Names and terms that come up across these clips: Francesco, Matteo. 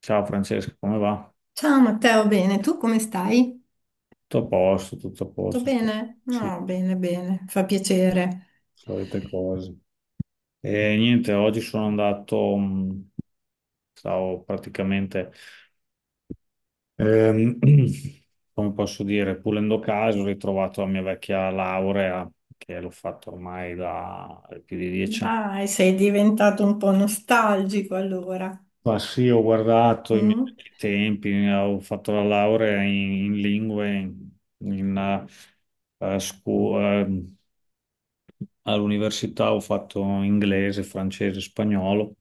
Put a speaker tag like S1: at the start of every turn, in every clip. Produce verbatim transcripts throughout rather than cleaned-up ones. S1: Ciao Francesco, come va?
S2: Ciao Matteo, bene, tu come stai?
S1: Tutto a posto, tutto a
S2: Tutto
S1: posto, so-
S2: bene?
S1: sì,
S2: No, bene, bene, fa piacere.
S1: solite cose. E niente, oggi sono andato, mh, stavo praticamente, ehm, come posso dire, pulendo caso, ho ritrovato la mia vecchia laurea, che l'ho fatto ormai da più di dieci anni.
S2: Dai, sei diventato un po' nostalgico allora.
S1: Ma sì, ho guardato i miei
S2: Mm?
S1: vecchi tempi, eh, ho fatto la laurea in, in lingue in, in, eh, eh, scu- eh, all'università ho fatto inglese, francese, spagnolo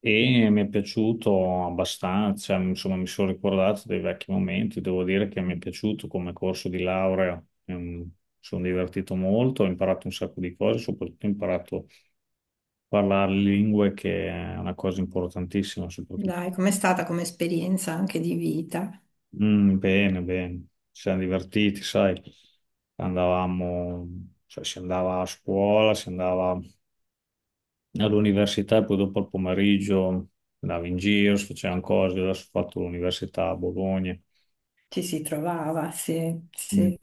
S1: e mi è piaciuto abbastanza, insomma mi sono ricordato dei vecchi momenti, devo dire che mi è piaciuto come corso di laurea, ehm, mi sono divertito molto, ho imparato un sacco di cose, soprattutto ho imparato a parlare lingue, che è una cosa importantissima, soprattutto.
S2: Dai, com'è stata come esperienza anche di vita?
S1: Mm, bene, bene, ci siamo divertiti, sai, andavamo, cioè si andava a scuola, si andava all'università e poi dopo al pomeriggio andavo in giro, si facevano cose. Adesso, ho fatto l'università a Bologna.
S2: Ci si trovava, sì,
S1: Mm.
S2: sì.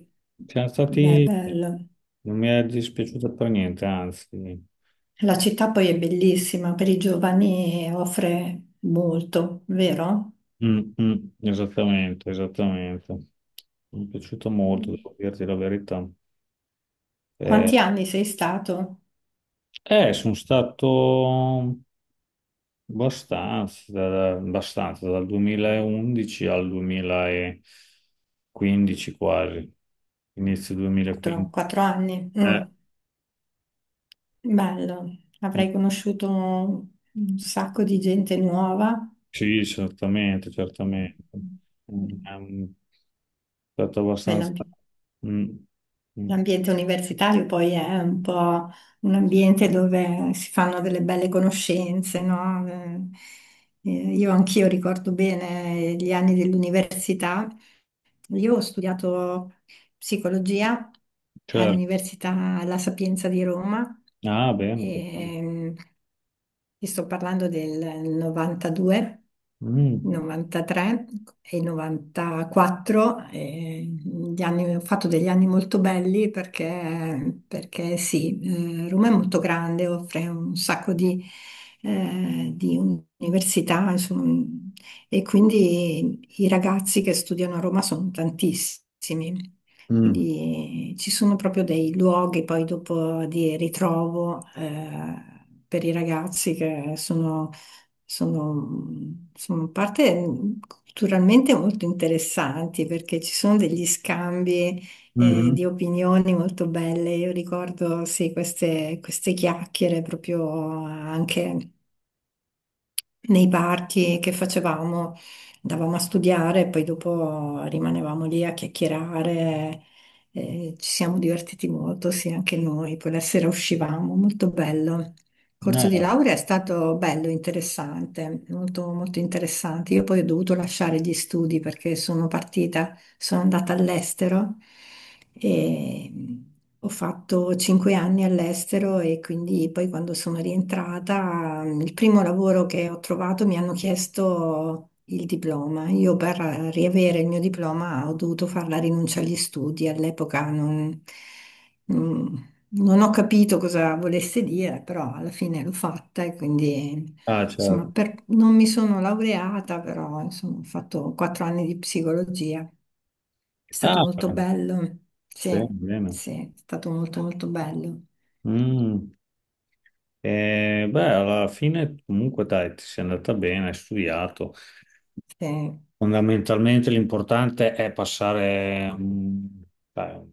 S1: Siamo
S2: Beh,
S1: stati,
S2: bello.
S1: non mi è dispiaciuto per niente, anzi.
S2: La città poi è bellissima, per i giovani offre molto, vero?
S1: Mm, mm, esattamente, esattamente. Mi è piaciuto molto, devo dirti la verità. Eh,
S2: Quanti anni sei stato?
S1: eh, sono stato. Abbastanza, da- abbastanza, dal duemilaundici al duemilaquindici quasi, inizio
S2: Quattro,
S1: duemilaquindici.
S2: quattro anni. Mm.
S1: Eh,
S2: Bello, avrei conosciuto un sacco di gente nuova.
S1: sì, certamente, certamente. Mm. È stato
S2: Beh,
S1: abbastanza...
S2: l'ambi-
S1: Mm, mm,
S2: l'ambiente universitario poi è un po' un ambiente dove si fanno delle belle conoscenze, no? Eh, eh, io anch'io ricordo bene gli anni dell'università. Io ho studiato psicologia
S1: certo.
S2: all'Università La Sapienza di Roma.
S1: Ah, bene. Perfetto.
S2: E, Ti sto parlando del novantadue,
S1: Mm,
S2: novantatré e novantaquattro. Eh, gli anni- ho fatto degli anni molto belli perché, perché sì, eh, Roma è molto grande, offre un sacco di, eh, di università, insomma, e quindi i ragazzi che studiano a Roma sono tantissimi.
S1: mm,
S2: Quindi eh, ci sono proprio dei luoghi poi dopo di ritrovo, eh, per i ragazzi che sono, sono, sono parte culturalmente molto interessanti, perché ci sono degli scambi, eh, di
S1: mhm.
S2: opinioni molto belle. Io ricordo sì, queste, queste chiacchiere proprio anche nei party che facevamo, andavamo a studiare e poi dopo rimanevamo lì a chiacchierare. Eh, ci siamo divertiti molto, sì, anche noi. Poi la sera uscivamo, molto bello. Il corso di
S1: Ah,
S2: laurea è stato bello, interessante, molto, molto interessante. Io poi ho dovuto lasciare gli studi perché sono partita, sono andata all'estero e ho fatto cinque anni all'estero, e quindi poi quando sono rientrata, il primo lavoro che ho trovato mi hanno chiesto il diploma. Io per riavere il mio diploma ho dovuto fare la rinuncia agli studi. All'epoca non, non- non ho capito cosa volesse dire, però alla fine l'ho fatta e quindi...
S1: ah,
S2: Insomma,
S1: certo.
S2: per- non mi sono laureata, però insomma, ho fatto quattro anni di psicologia. È stato
S1: Ah,
S2: molto bello,
S1: bene,
S2: sì,
S1: bene.
S2: sì, è stato molto molto bello.
S1: Bene. Mm. Eh, beh, alla fine comunque dai, ti sei andata bene, hai studiato.
S2: Sì.
S1: Fondamentalmente l'importante è passare, mm, dai, un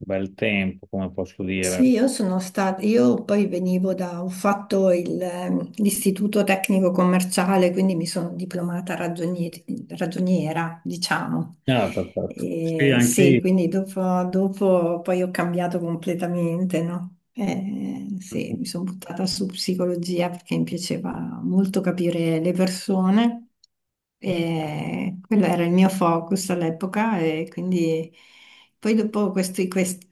S1: bel tempo, come posso dire.
S2: Sì, io sono stata, io poi venivo da, ho fatto il, ehm, l'istituto tecnico commerciale, quindi mi sono diplomata ragionie- ragioniera, diciamo.
S1: Ah, perfetto. Sì,
S2: E
S1: anche
S2: sì,
S1: io.
S2: quindi dopo, dopo poi ho cambiato completamente, no? Eh, sì, mi sono buttata su psicologia perché mi piaceva molto capire le persone, e quello era il mio focus all'epoca e quindi... Poi dopo questi- questo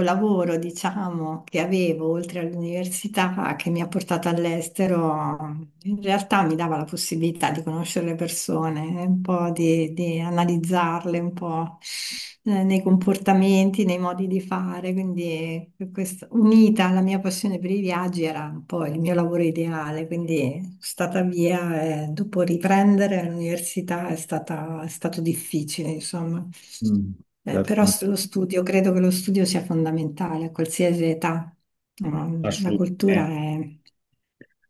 S2: lavoro, diciamo, che avevo oltre all'università, che mi ha portato all'estero, in realtà mi dava la possibilità di conoscere le persone, un po' di, di analizzarle un po', eh, nei comportamenti, nei modi di fare. Quindi, eh, questa- unita alla mia passione per i viaggi era un po' il mio lavoro ideale. Quindi sono stata via, e dopo riprendere l'università è stata- è stato difficile, insomma.
S1: Mm,
S2: Eh, però
S1: certo,
S2: s- lo studio, credo che lo studio sia fondamentale a qualsiasi età. No, la
S1: assolutamente.
S2: cultura è...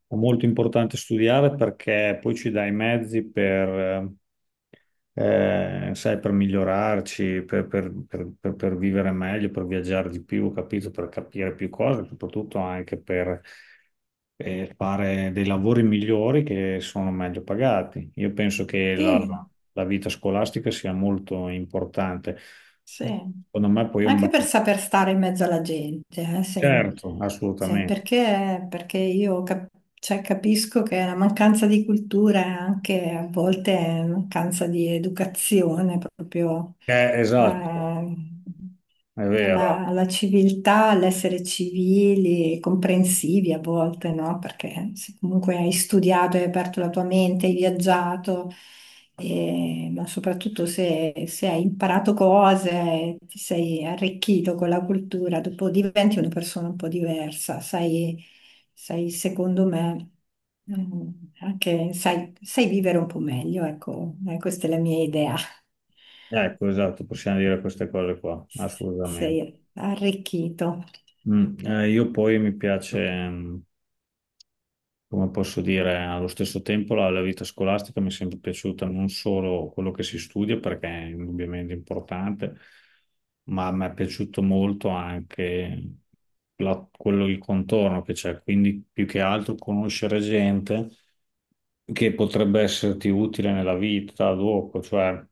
S1: È molto importante studiare, perché poi ci dà i mezzi per, eh, eh, sai, per migliorarci, per, per- per- per- per vivere meglio, per viaggiare di più, capito? Per capire più cose, soprattutto anche per eh, fare dei lavori migliori, che sono meglio pagati. Io penso che la,
S2: Sì.
S1: la vita scolastica sia molto importante.
S2: Sì.
S1: Secondo me poi è un
S2: Anche
S1: bel...
S2: per saper stare in mezzo alla gente. Eh, se-
S1: Certo,
S2: se-
S1: assolutamente.
S2: perché, perché io cap- cioè, capisco che la mancanza di cultura è anche a volte è mancanza di educazione, proprio,
S1: Eh, esatto,
S2: eh,
S1: è vero.
S2: alla, alla civiltà, all'essere civili e comprensivi a volte, no? Perché se comunque hai studiato, hai aperto la tua mente, hai viaggiato. E- ma soprattutto se, se hai imparato cose, ti sei arricchito con la cultura, dopo diventi una persona un po' diversa, sai, sai, secondo me, ehm, anche sai, sai vivere un po' meglio, ecco. Eh, questa è la mia idea.
S1: Ecco, esatto, possiamo dire queste cose qua,
S2: S-
S1: assolutamente.
S2: Sei arricchito.
S1: Mm, eh, io poi mi piace, mm, come posso dire, allo stesso tempo la, la vita scolastica mi è sempre piaciuta, non solo quello che si studia, perché è indubbiamente importante, ma mi è piaciuto molto anche la- quello, il contorno che c'è, quindi più che altro conoscere gente che potrebbe esserti utile nella vita dopo, cioè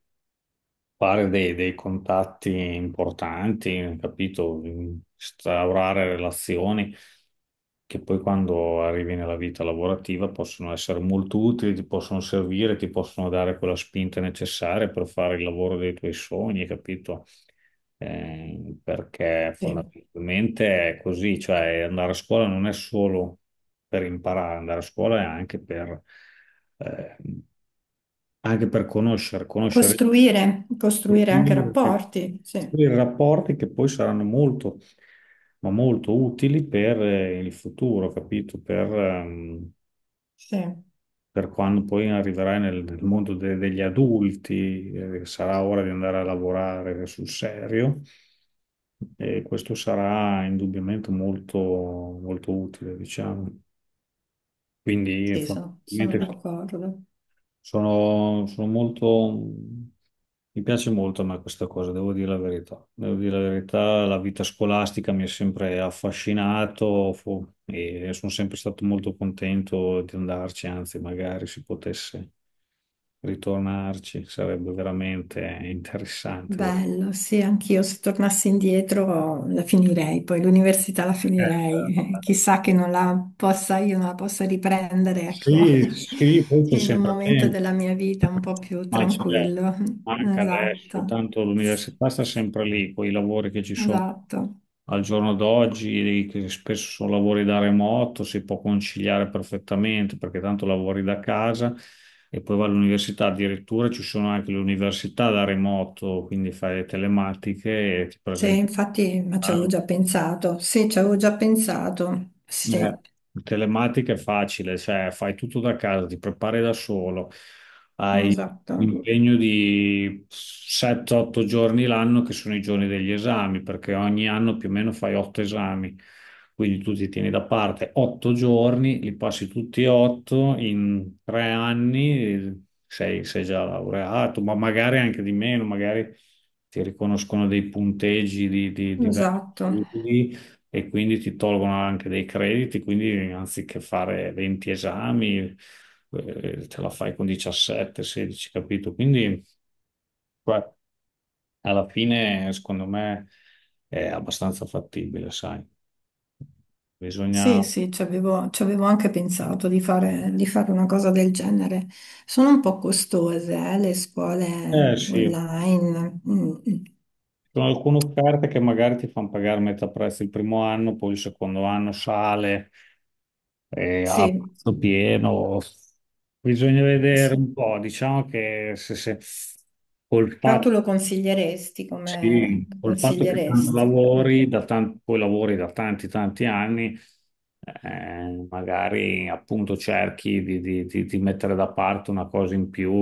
S1: fare dei, dei contatti importanti, capito? Instaurare relazioni che poi quando arrivi nella vita lavorativa possono essere molto utili, ti possono servire, ti possono dare quella spinta necessaria per fare il lavoro dei tuoi sogni, capito? Eh, perché
S2: Sì.
S1: fondamentalmente è così, cioè andare a scuola non è solo per imparare, andare a scuola è anche per... eh, anche per conoscere, conoscere,
S2: Costruire,
S1: per
S2: costruire
S1: cui,
S2: anche
S1: eh,
S2: rapporti, sì,
S1: costruire rapporti che poi saranno molto, ma molto utili per eh, il futuro, capito? Per, ehm,
S2: sì,
S1: per quando poi arriverai nel, nel mondo de- degli adulti, eh, sarà ora di andare a lavorare sul serio, e questo sarà indubbiamente molto, molto utile, diciamo. Quindi,
S2: sì, sono sono
S1: fondamentalmente,
S2: d'accordo.
S1: Sono, sono molto, mi piace molto a me questa cosa, devo dire la verità. Devo dire la verità, la vita scolastica mi ha sempre affascinato, fu- e sono sempre stato molto contento di andarci, anzi, magari si potesse ritornarci, sarebbe veramente interessante. voglio-
S2: Bello, sì, anch'io se tornassi indietro la finirei, poi l'università la
S1: Eh,
S2: finirei, chissà che non la possa, io non la possa riprendere, ecco,
S1: sì, sì, poi c'è
S2: in un
S1: sempre
S2: momento
S1: tempo.
S2: della mia vita un po' più
S1: Ma c'è
S2: tranquillo.
S1: anche adesso,
S2: Esatto,
S1: tanto
S2: sì,
S1: l'università sta
S2: sì,
S1: sempre lì. Con i lavori che ci sono
S2: esatto.
S1: al giorno d'oggi, che spesso sono lavori da remoto, si può conciliare perfettamente, perché tanto lavori da casa e poi vai all'università. Addirittura ci sono anche le università da remoto, quindi fai le telematiche e ti
S2: Sì,
S1: presenti.
S2: infatti, ma ci avevo già pensato, sì, ci avevo già pensato,
S1: Eh,
S2: sì,
S1: telematica è facile, cioè fai tutto da casa, ti prepari da solo, hai
S2: esatto,
S1: l'impegno di sette otto giorni l'anno, che sono i giorni degli esami, perché ogni anno più o meno fai otto esami, quindi tu ti tieni da parte otto giorni, li passi tutti e otto in tre anni, sei, sei già laureato, ma magari anche di meno, magari ti riconoscono dei punteggi di, di, di vari
S2: esatto.
S1: studi e quindi ti tolgono anche dei crediti, quindi anziché fare venti esami, eh, te la fai con diciassette, sedici, capito? Quindi beh, alla fine, secondo me, è abbastanza fattibile, sai.
S2: Sì,
S1: Bisogna...
S2: sì, ci avevo, ci avevo anche pensato di fare, di fare una cosa del genere. Sono un po' costose, eh, le
S1: Eh
S2: scuole
S1: sì, ci
S2: online. Mm, mm.
S1: sono alcune offerte che magari ti fanno pagare metà prezzo il primo anno, poi il secondo anno sale eh, a
S2: Sì,
S1: prezzo pieno. Bisogna vedere un
S2: sì.
S1: po', diciamo che se, se col
S2: Però tu
S1: fatto
S2: lo consiglieresti, come
S1: sì,
S2: lo
S1: col fatto che tanto
S2: consiglieresti? Mm.
S1: lavori da tan- poi lavori da tanti tanti anni, eh, magari appunto cerchi di, di- di- di mettere da parte una cosa in più,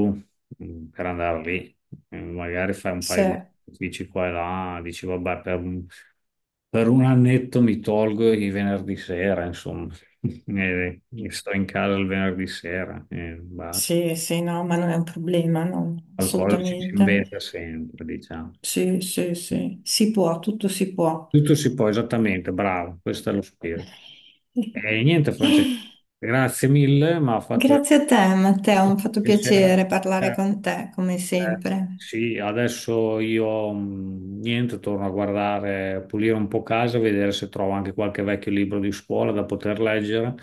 S1: mh, per andare lì. Eh, magari fai un
S2: Sì,
S1: paio di sacrifici qua e là, dici vabbè, per un, per un annetto mi tolgo i venerdì sera, insomma, e, e sto in casa il venerdì sera e basta.
S2: sì, sì, no, ma non è un problema, no,
S1: Qualcosa ci si
S2: assolutamente.
S1: inventa sempre, diciamo.
S2: Sì, sì, sì, si può, tutto si può.
S1: Tutto si può, esattamente, bravo, questo è lo spirito. E niente, Francesco, grazie mille, ma ha fatto veramente
S2: Grazie a te, Matteo, mi ha fatto
S1: piacere.
S2: piacere parlare
S1: Eh,
S2: con te, come
S1: eh,
S2: sempre.
S1: sì, adesso io, mh, niente, torno a guardare, a pulire un po' casa, a vedere se trovo anche qualche vecchio libro di scuola da poter leggere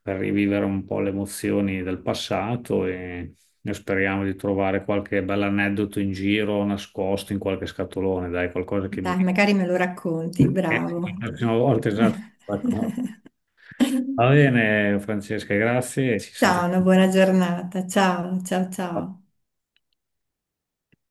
S1: per rivivere un po' le emozioni del passato, e, e speriamo di trovare qualche bell'aneddoto in giro, nascosto in qualche scatolone, dai, qualcosa che mi...
S2: Dai, magari me lo racconti,
S1: Eh,
S2: bravo.
S1: la prossima volta, esatto. Ecco. Va bene, Francesca, grazie e ci
S2: Ciao,
S1: sentiamo.
S2: una buona giornata. Ciao, ciao, ciao.